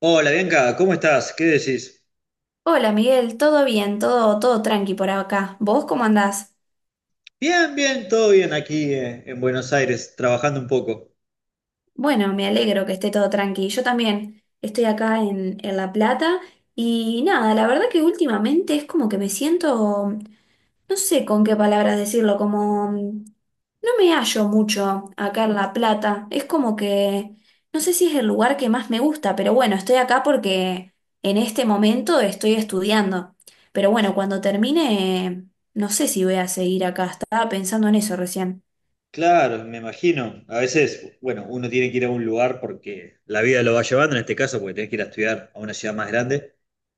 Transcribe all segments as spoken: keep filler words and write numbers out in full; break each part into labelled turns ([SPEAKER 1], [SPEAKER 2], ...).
[SPEAKER 1] Hola Bianca, ¿cómo estás? ¿Qué decís?
[SPEAKER 2] Hola Miguel, todo bien, todo, todo tranqui por acá. ¿Vos cómo andás?
[SPEAKER 1] Bien, bien, todo bien aquí eh, en Buenos Aires, trabajando un poco.
[SPEAKER 2] Bueno, me alegro que esté todo tranqui. Yo también estoy acá en, en La Plata y nada, la verdad que últimamente es como que me siento no sé con qué palabras decirlo, como mm, no me hallo mucho acá en La Plata. Es como que no sé si es el lugar que más me gusta, pero bueno, estoy acá porque en este momento estoy estudiando. Pero bueno, cuando termine, no sé si voy a seguir acá. Estaba pensando en eso recién.
[SPEAKER 1] Claro, me imagino. A veces, bueno, uno tiene que ir a un lugar porque la vida lo va llevando, en este caso, porque tenés que ir a estudiar a una ciudad más grande.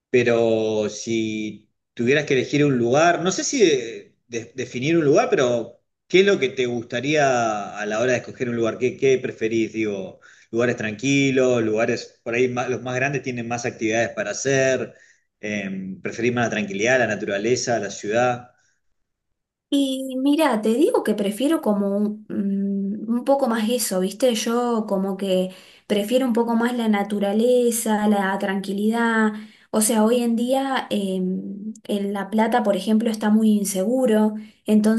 [SPEAKER 1] Pero si tuvieras que elegir un lugar, no sé si de- de- definir un lugar, pero ¿qué es lo que te gustaría a la hora de escoger un lugar? ¿Qué, qué preferís? Digo, lugares tranquilos, lugares por ahí más- los más grandes tienen más actividades para hacer. Em, ¿preferís más la tranquilidad, la naturaleza, la ciudad?
[SPEAKER 2] Y mira, te digo que prefiero como un, mm, un poco más eso, ¿viste? Yo como que prefiero un poco más la naturaleza, la tranquilidad. O sea, hoy en día eh, en La Plata, por ejemplo, está muy inseguro,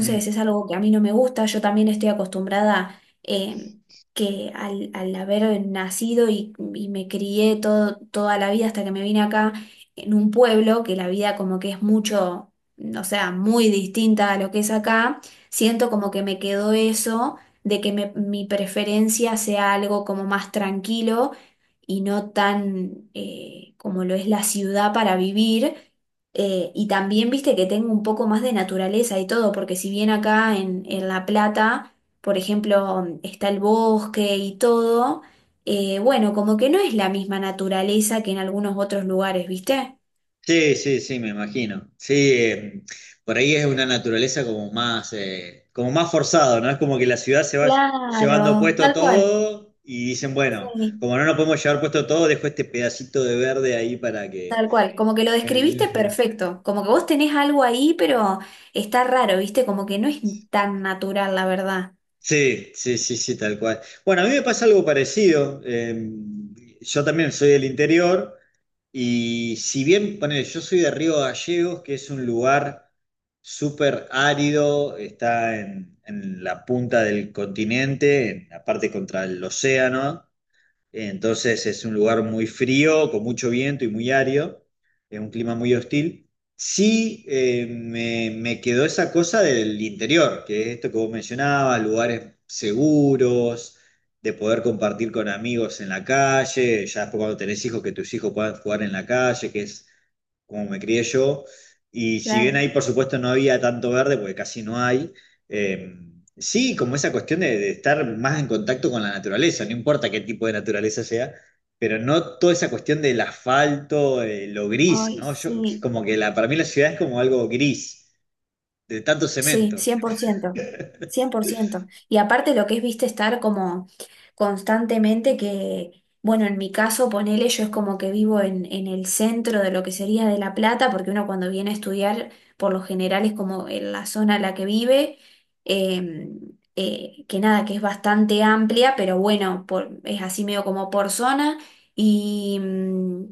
[SPEAKER 1] Mm.
[SPEAKER 2] es algo que a mí no me gusta. Yo también estoy acostumbrada eh, que al, al haber nacido y, y me crié todo, toda la vida hasta que me vine acá en un pueblo, que la vida como que es mucho, o sea, muy distinta a lo que es acá. Siento como que me quedó eso de que me- mi preferencia sea algo como más tranquilo y no tan eh, como lo es la ciudad para vivir. Eh, y también viste que tengo un poco más de naturaleza y todo, porque si bien acá en, en, La Plata, por ejemplo, está el bosque y todo, eh, bueno, como que no es la misma naturaleza que en algunos otros lugares, ¿viste?
[SPEAKER 1] Sí, sí, sí, me imagino. Sí, eh, por ahí es una naturaleza como más, eh, como más forzado, ¿no? Es como que la ciudad se va llevando
[SPEAKER 2] Claro,
[SPEAKER 1] puesto
[SPEAKER 2] tal cual.
[SPEAKER 1] todo y dicen, bueno,
[SPEAKER 2] Sí.
[SPEAKER 1] como no nos podemos llevar puesto todo, dejo este pedacito de verde ahí para que...
[SPEAKER 2] Tal cual, como que lo describiste
[SPEAKER 1] Eh,
[SPEAKER 2] perfecto, como que vos tenés algo ahí, pero está raro, ¿viste? Como que no es tan natural, la verdad.
[SPEAKER 1] Sí, sí, sí, sí, tal cual. Bueno, a mí me pasa algo parecido. Eh, yo también soy del interior. Y si bien, ponele, yo soy de Río Gallegos, que es un lugar súper árido, está en, en la punta del continente, en la parte contra el océano, entonces es un lugar muy frío, con mucho viento y muy árido, es un clima muy hostil. Sí, eh, me, me quedó esa cosa del interior, que es esto que vos mencionabas, lugares seguros, de poder compartir con amigos en la calle, ya después cuando tenés hijos, que tus hijos puedan jugar en la calle, que es como me crié yo. Y si bien
[SPEAKER 2] Claro.
[SPEAKER 1] ahí, por supuesto, no había tanto verde, porque casi no hay, eh, sí, como esa cuestión de, de estar más en contacto con la naturaleza, no importa qué tipo de naturaleza sea, pero no toda esa cuestión del asfalto, eh, lo gris,
[SPEAKER 2] Ay,
[SPEAKER 1] ¿no? Yo,
[SPEAKER 2] sí.
[SPEAKER 1] como que la, para mí la ciudad es como algo gris, de tanto
[SPEAKER 2] Sí, cien
[SPEAKER 1] cemento.
[SPEAKER 2] cien por ciento, cien por ciento. Y aparte lo que es, viste, estar como constantemente que, bueno, en mi caso, ponele, yo es como que vivo en, en el centro de lo que sería de La Plata, porque uno cuando viene a estudiar, por lo general es como en la zona en la que vive, eh, eh, que nada, que es bastante amplia, pero bueno, por, es así medio como por zona. Y, mm,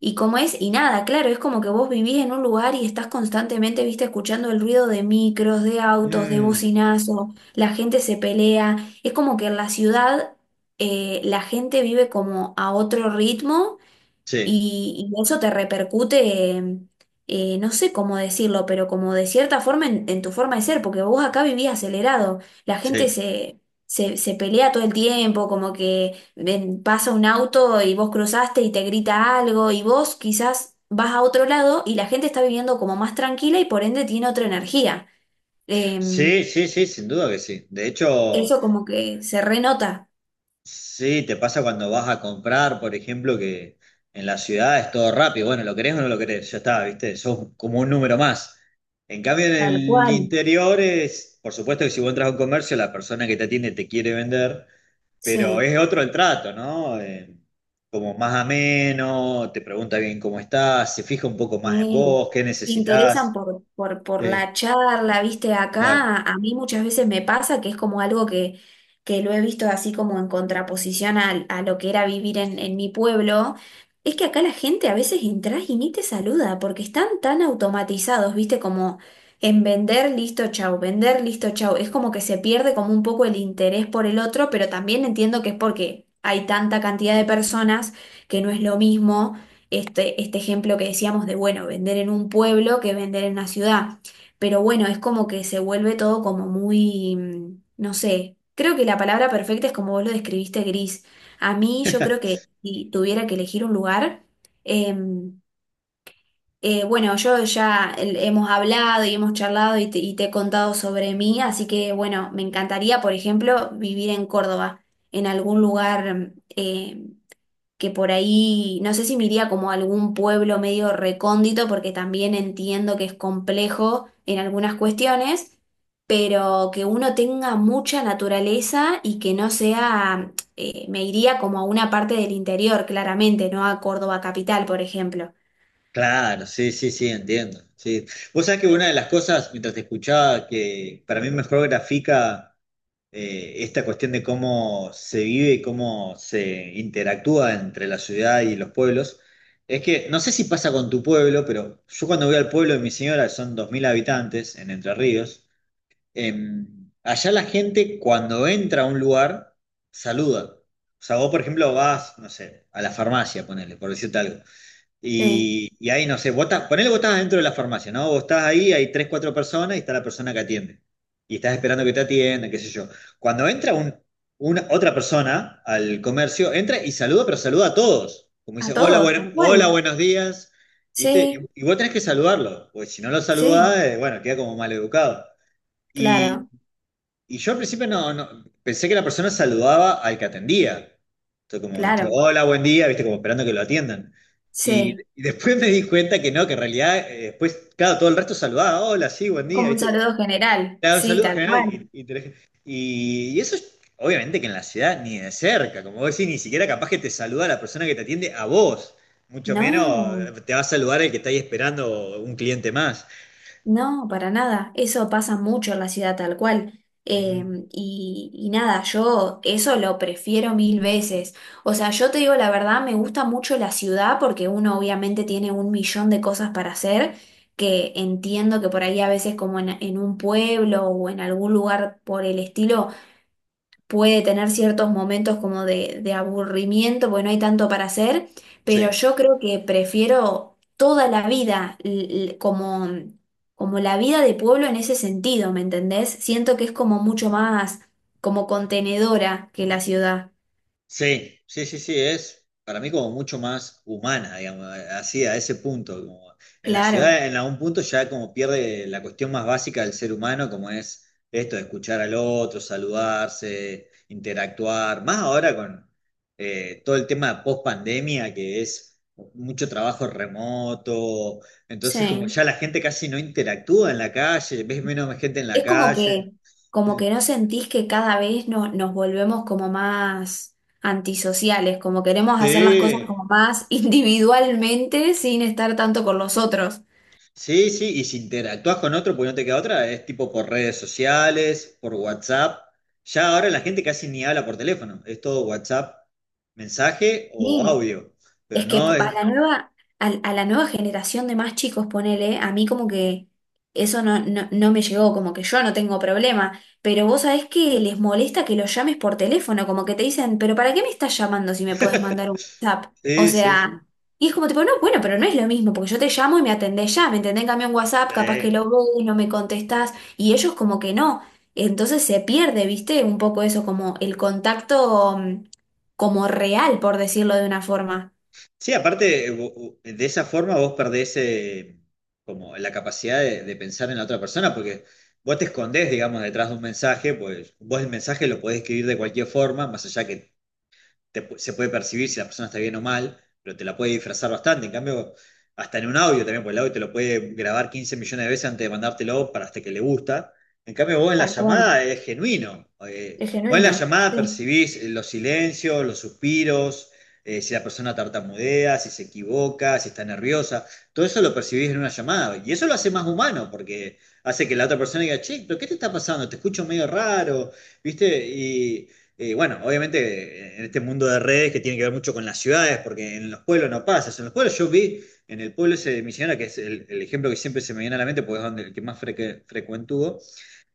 [SPEAKER 2] y cómo es, y nada, claro, es como que vos vivís en un lugar y estás constantemente, viste, escuchando el ruido de micros, de autos, de
[SPEAKER 1] Mm,
[SPEAKER 2] bocinazo, la gente se pelea. Es como que en la ciudad eh, la gente vive como a otro ritmo,
[SPEAKER 1] sí,
[SPEAKER 2] y, y eso te repercute, eh, eh, no sé cómo decirlo, pero como de cierta forma en, en, tu forma de ser, porque vos acá vivías acelerado, la gente
[SPEAKER 1] sí.
[SPEAKER 2] se, se, se pelea todo el tiempo, como que ven, pasa un auto y vos cruzaste y te grita algo, y vos quizás vas a otro lado y la gente está viviendo como más tranquila y por ende tiene otra energía. Em,
[SPEAKER 1] Sí, sí, sí, sin duda que sí. De hecho...
[SPEAKER 2] eso como que se renota.
[SPEAKER 1] Sí, te pasa cuando vas a comprar, por ejemplo, que en la ciudad es todo rápido. Bueno, lo querés o no lo querés, ya está, ¿viste? Sos como un número más. En cambio, en
[SPEAKER 2] Tal
[SPEAKER 1] el
[SPEAKER 2] cual.
[SPEAKER 1] interior es, por supuesto que si vos entras a un comercio, la persona que te atiende te quiere vender, pero
[SPEAKER 2] Sí.
[SPEAKER 1] es otro el trato, ¿no? Eh, como más ameno, te pregunta bien cómo estás, se fija un poco más en
[SPEAKER 2] Sí,
[SPEAKER 1] vos, qué
[SPEAKER 2] se interesan
[SPEAKER 1] necesitas.
[SPEAKER 2] por, por, por
[SPEAKER 1] Sí,
[SPEAKER 2] la charla, viste,
[SPEAKER 1] claro.
[SPEAKER 2] acá a mí muchas veces me pasa que es como algo que, que lo he visto así como en contraposición al- a, lo que era vivir en, en mi pueblo, es que acá la gente a veces entras y ni te saluda porque están tan automatizados, viste, como en vender, listo, chau, vender, listo, chau, es como que se pierde como un poco el interés por el otro, pero también entiendo que es porque hay tanta cantidad de personas que no es lo mismo este, este ejemplo que decíamos de, bueno, vender en un pueblo que vender en una ciudad. Pero bueno, es como que se vuelve todo como muy, mm, no sé, creo que la palabra perfecta es como vos lo describiste, gris. A mí yo creo que si tuviera que elegir un lugar, em, eh, bueno, yo ya el- hemos hablado y hemos charlado y te, y te he contado sobre mí, así que bueno, me encantaría, por ejemplo, vivir en Córdoba, en algún lugar em, eh, que por ahí, no sé si me iría como a algún pueblo medio recóndito, porque también entiendo que es complejo en algunas cuestiones, pero que uno tenga mucha naturaleza y que no sea, eh, me iría como a una parte del interior, claramente, no a Córdoba capital, por ejemplo.
[SPEAKER 1] Claro, sí, sí, sí, entiendo. Sí. Vos sabés que una de las cosas, mientras te escuchaba, que para mí mejor grafica eh, esta cuestión de cómo se vive y cómo se interactúa entre la ciudad y los pueblos, es que no sé si pasa con tu pueblo, pero yo cuando voy al pueblo de mi señora, que son dos mil habitantes en Entre Ríos, em, allá la gente cuando entra a un lugar saluda. O sea, vos, por ejemplo, vas, no sé, a la farmacia, ponele, por decirte algo.
[SPEAKER 2] Sí,
[SPEAKER 1] Y, y ahí, no sé, vos estás, ponele vos estás dentro de la farmacia, ¿no? Vos estás ahí, hay tres, cuatro personas y está la persona que atiende. Y estás esperando que te atienda, qué sé yo. Cuando entra un, una, otra persona al comercio, entra y saluda, pero saluda a todos. Como
[SPEAKER 2] a
[SPEAKER 1] dice, hola,
[SPEAKER 2] todos,
[SPEAKER 1] bueno,
[SPEAKER 2] tal
[SPEAKER 1] hola,
[SPEAKER 2] cual.
[SPEAKER 1] buenos días. ¿Viste?
[SPEAKER 2] Sí,
[SPEAKER 1] Y, y vos tenés que saludarlo, porque si no lo saludás,
[SPEAKER 2] sí,
[SPEAKER 1] eh, bueno, queda como mal educado.
[SPEAKER 2] claro,
[SPEAKER 1] Y yo al principio no, no- pensé que la persona saludaba al que atendía. Entonces como, viste,
[SPEAKER 2] claro,
[SPEAKER 1] hola, buen día, viste, como esperando que lo atiendan. Y,
[SPEAKER 2] sí.
[SPEAKER 1] y después me di cuenta que no, que en realidad eh, después, claro, todo el resto saludaba, hola, sí, buen día,
[SPEAKER 2] Como un
[SPEAKER 1] viste.
[SPEAKER 2] saludo general,
[SPEAKER 1] Te daba un
[SPEAKER 2] sí,
[SPEAKER 1] saludo
[SPEAKER 2] tal
[SPEAKER 1] general
[SPEAKER 2] cual.
[SPEAKER 1] y, y te dejé- y- y eso es- obviamente que en la ciudad ni de cerca, como vos decís, ni siquiera capaz que te saluda la persona que te atiende a vos. Mucho menos
[SPEAKER 2] No.
[SPEAKER 1] eh, te va a saludar el que está ahí esperando un cliente más.
[SPEAKER 2] No, para nada. Eso pasa mucho en la ciudad tal cual. Eh,
[SPEAKER 1] Ujú.
[SPEAKER 2] y, y nada, yo eso lo prefiero mil veces. O sea, yo te digo la verdad, me gusta mucho la ciudad porque uno obviamente tiene un millón de cosas para hacer, que entiendo que por ahí a veces como en, en un pueblo o en algún lugar por el estilo puede tener ciertos momentos como de, de aburrimiento, porque no hay tanto para hacer, pero
[SPEAKER 1] Sí.
[SPEAKER 2] yo creo que prefiero toda la vida l- l- como, como la vida de pueblo en ese sentido, ¿me entendés? Siento que es como mucho más como contenedora que la ciudad.
[SPEAKER 1] Sí, sí, sí, sí, es para mí como mucho más humana, digamos, así a ese punto. Como en la
[SPEAKER 2] Claro,
[SPEAKER 1] ciudad, en algún punto ya como pierde la cuestión más básica del ser humano, como es esto de escuchar al otro, saludarse, interactuar, más ahora con eh, todo el tema post pandemia, que es mucho trabajo remoto, entonces como
[SPEAKER 2] sí.
[SPEAKER 1] ya la gente casi no interactúa en la calle, ves menos gente en la
[SPEAKER 2] Es como
[SPEAKER 1] calle.
[SPEAKER 2] que, como que no sentís que cada vez no- nos volvemos como más antisociales, como queremos hacer las cosas
[SPEAKER 1] Sí.
[SPEAKER 2] como más individualmente sin estar tanto con los otros.
[SPEAKER 1] Sí, sí, y si interactúas con otro, pues no te queda otra, es tipo por redes sociales, por WhatsApp. Ya ahora la gente casi ni habla por teléfono, es todo WhatsApp, mensaje o
[SPEAKER 2] Sí,
[SPEAKER 1] audio, pero
[SPEAKER 2] es que
[SPEAKER 1] no es...
[SPEAKER 2] a la nueva, a, a la nueva generación de más chicos, ponele, a mí como que eso no, no, no me llegó, como que yo no tengo problema, pero vos sabés que les molesta que los llames por teléfono, como que te dicen, pero ¿para qué me estás llamando si me podés mandar un WhatsApp? O
[SPEAKER 1] Sí, sí, sí.
[SPEAKER 2] sea, y es como tipo, no, bueno, pero no es lo mismo, porque yo te llamo y me atendés ya, me entendés. En cambio un WhatsApp, capaz que lo
[SPEAKER 1] Sí,
[SPEAKER 2] ves, no me contestás, y ellos como que no. Entonces se pierde, ¿viste? Un poco eso, como el contacto mm, como real, por decirlo de una forma.
[SPEAKER 1] sí, aparte, eh, vo- vo- de esa forma vos perdés eh, como la capacidad de, de pensar en la otra persona, porque vos te escondés, digamos, detrás de un mensaje, pues vos el mensaje lo podés escribir de cualquier forma, más allá que te- se puede percibir si la persona está bien o mal, pero te la puede disfrazar bastante. En cambio, hasta en un audio también, porque el audio te lo puede grabar quince millones de veces antes de mandártelo para hasta que le gusta. En cambio, vos en la
[SPEAKER 2] Tal cual.
[SPEAKER 1] llamada es genuino. Eh,
[SPEAKER 2] Es
[SPEAKER 1] vos en la
[SPEAKER 2] genuino.
[SPEAKER 1] llamada
[SPEAKER 2] Sí.
[SPEAKER 1] percibís eh, los silencios, los suspiros, eh, si la persona tartamudea, si se equivoca, si está nerviosa. Todo eso lo percibís en una llamada. Y eso lo hace más humano, porque hace que la otra persona diga, che, pero ¿qué te está pasando? Te escucho medio raro, ¿viste? Y, eh, bueno, obviamente en este mundo de redes que tiene que ver mucho con las ciudades, porque en los pueblos no pasa. En los pueblos yo vi, en el pueblo ese de Misionera, que es el, el ejemplo que siempre se me viene a la mente, porque es donde el que más frecuente frecuentó,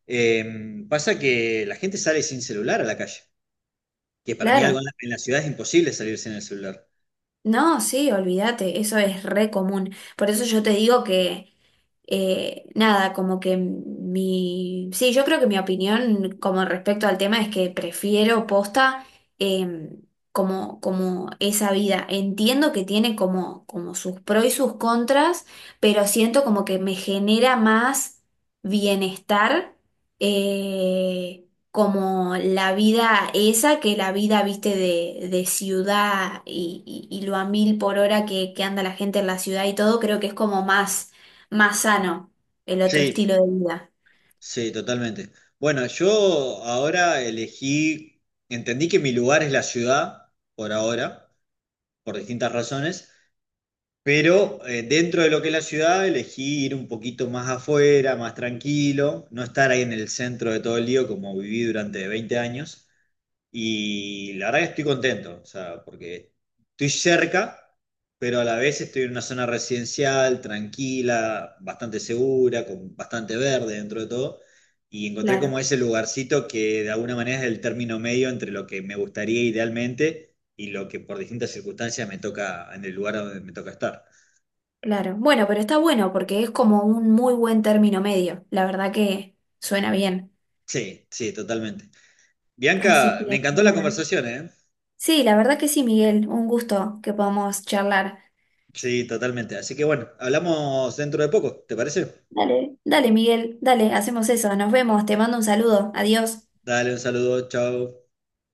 [SPEAKER 1] eh, pasa que la gente sale sin celular a la calle, que para mí algo en
[SPEAKER 2] Claro.
[SPEAKER 1] la, en la ciudad es imposible salir sin el celular.
[SPEAKER 2] No, sí, olvídate, eso es re común. Por eso yo te digo que, eh, nada, como que mi... Sí, yo creo que mi opinión como respecto al tema es que prefiero posta eh, como, como esa vida. Entiendo que tiene como, como sus pros y sus contras, pero siento como que me genera más bienestar. eh, como la vida esa, que la vida, viste, de, de, ciudad y, y- y lo a mil por hora que, que anda la gente en la ciudad y todo, creo que es como más, más sano el otro
[SPEAKER 1] Sí,
[SPEAKER 2] estilo de vida.
[SPEAKER 1] sí, totalmente. Bueno, yo ahora elegí, entendí que mi lugar es la ciudad, por ahora, por distintas razones. Pero eh, dentro de lo que es la ciudad, elegí ir un poquito más afuera, más tranquilo, no estar ahí en el centro de todo el lío como viví durante veinte años. Y la verdad que estoy contento, o sea, porque estoy cerca, pero a la vez estoy en una zona residencial, tranquila, bastante segura, con bastante verde dentro de todo. Y encontré
[SPEAKER 2] Claro,
[SPEAKER 1] como ese lugarcito que de alguna manera es el término medio entre lo que me gustaría idealmente y lo que por distintas circunstancias me toca, en el lugar donde me toca estar.
[SPEAKER 2] claro. Bueno, pero está bueno porque es como un muy buen término medio. La verdad que suena bien.
[SPEAKER 1] Sí, sí, totalmente.
[SPEAKER 2] Así
[SPEAKER 1] Bianca,
[SPEAKER 2] que,
[SPEAKER 1] me encantó la
[SPEAKER 2] bueno.
[SPEAKER 1] conversación, ¿eh?
[SPEAKER 2] Sí, la verdad que sí, Miguel. Un gusto que podamos charlar.
[SPEAKER 1] Sí, totalmente. Así que bueno, hablamos dentro de poco, ¿te parece?
[SPEAKER 2] Dale, dale, Miguel, dale, hacemos eso. Nos vemos. Te mando un saludo. Adiós.
[SPEAKER 1] Dale un saludo, chao.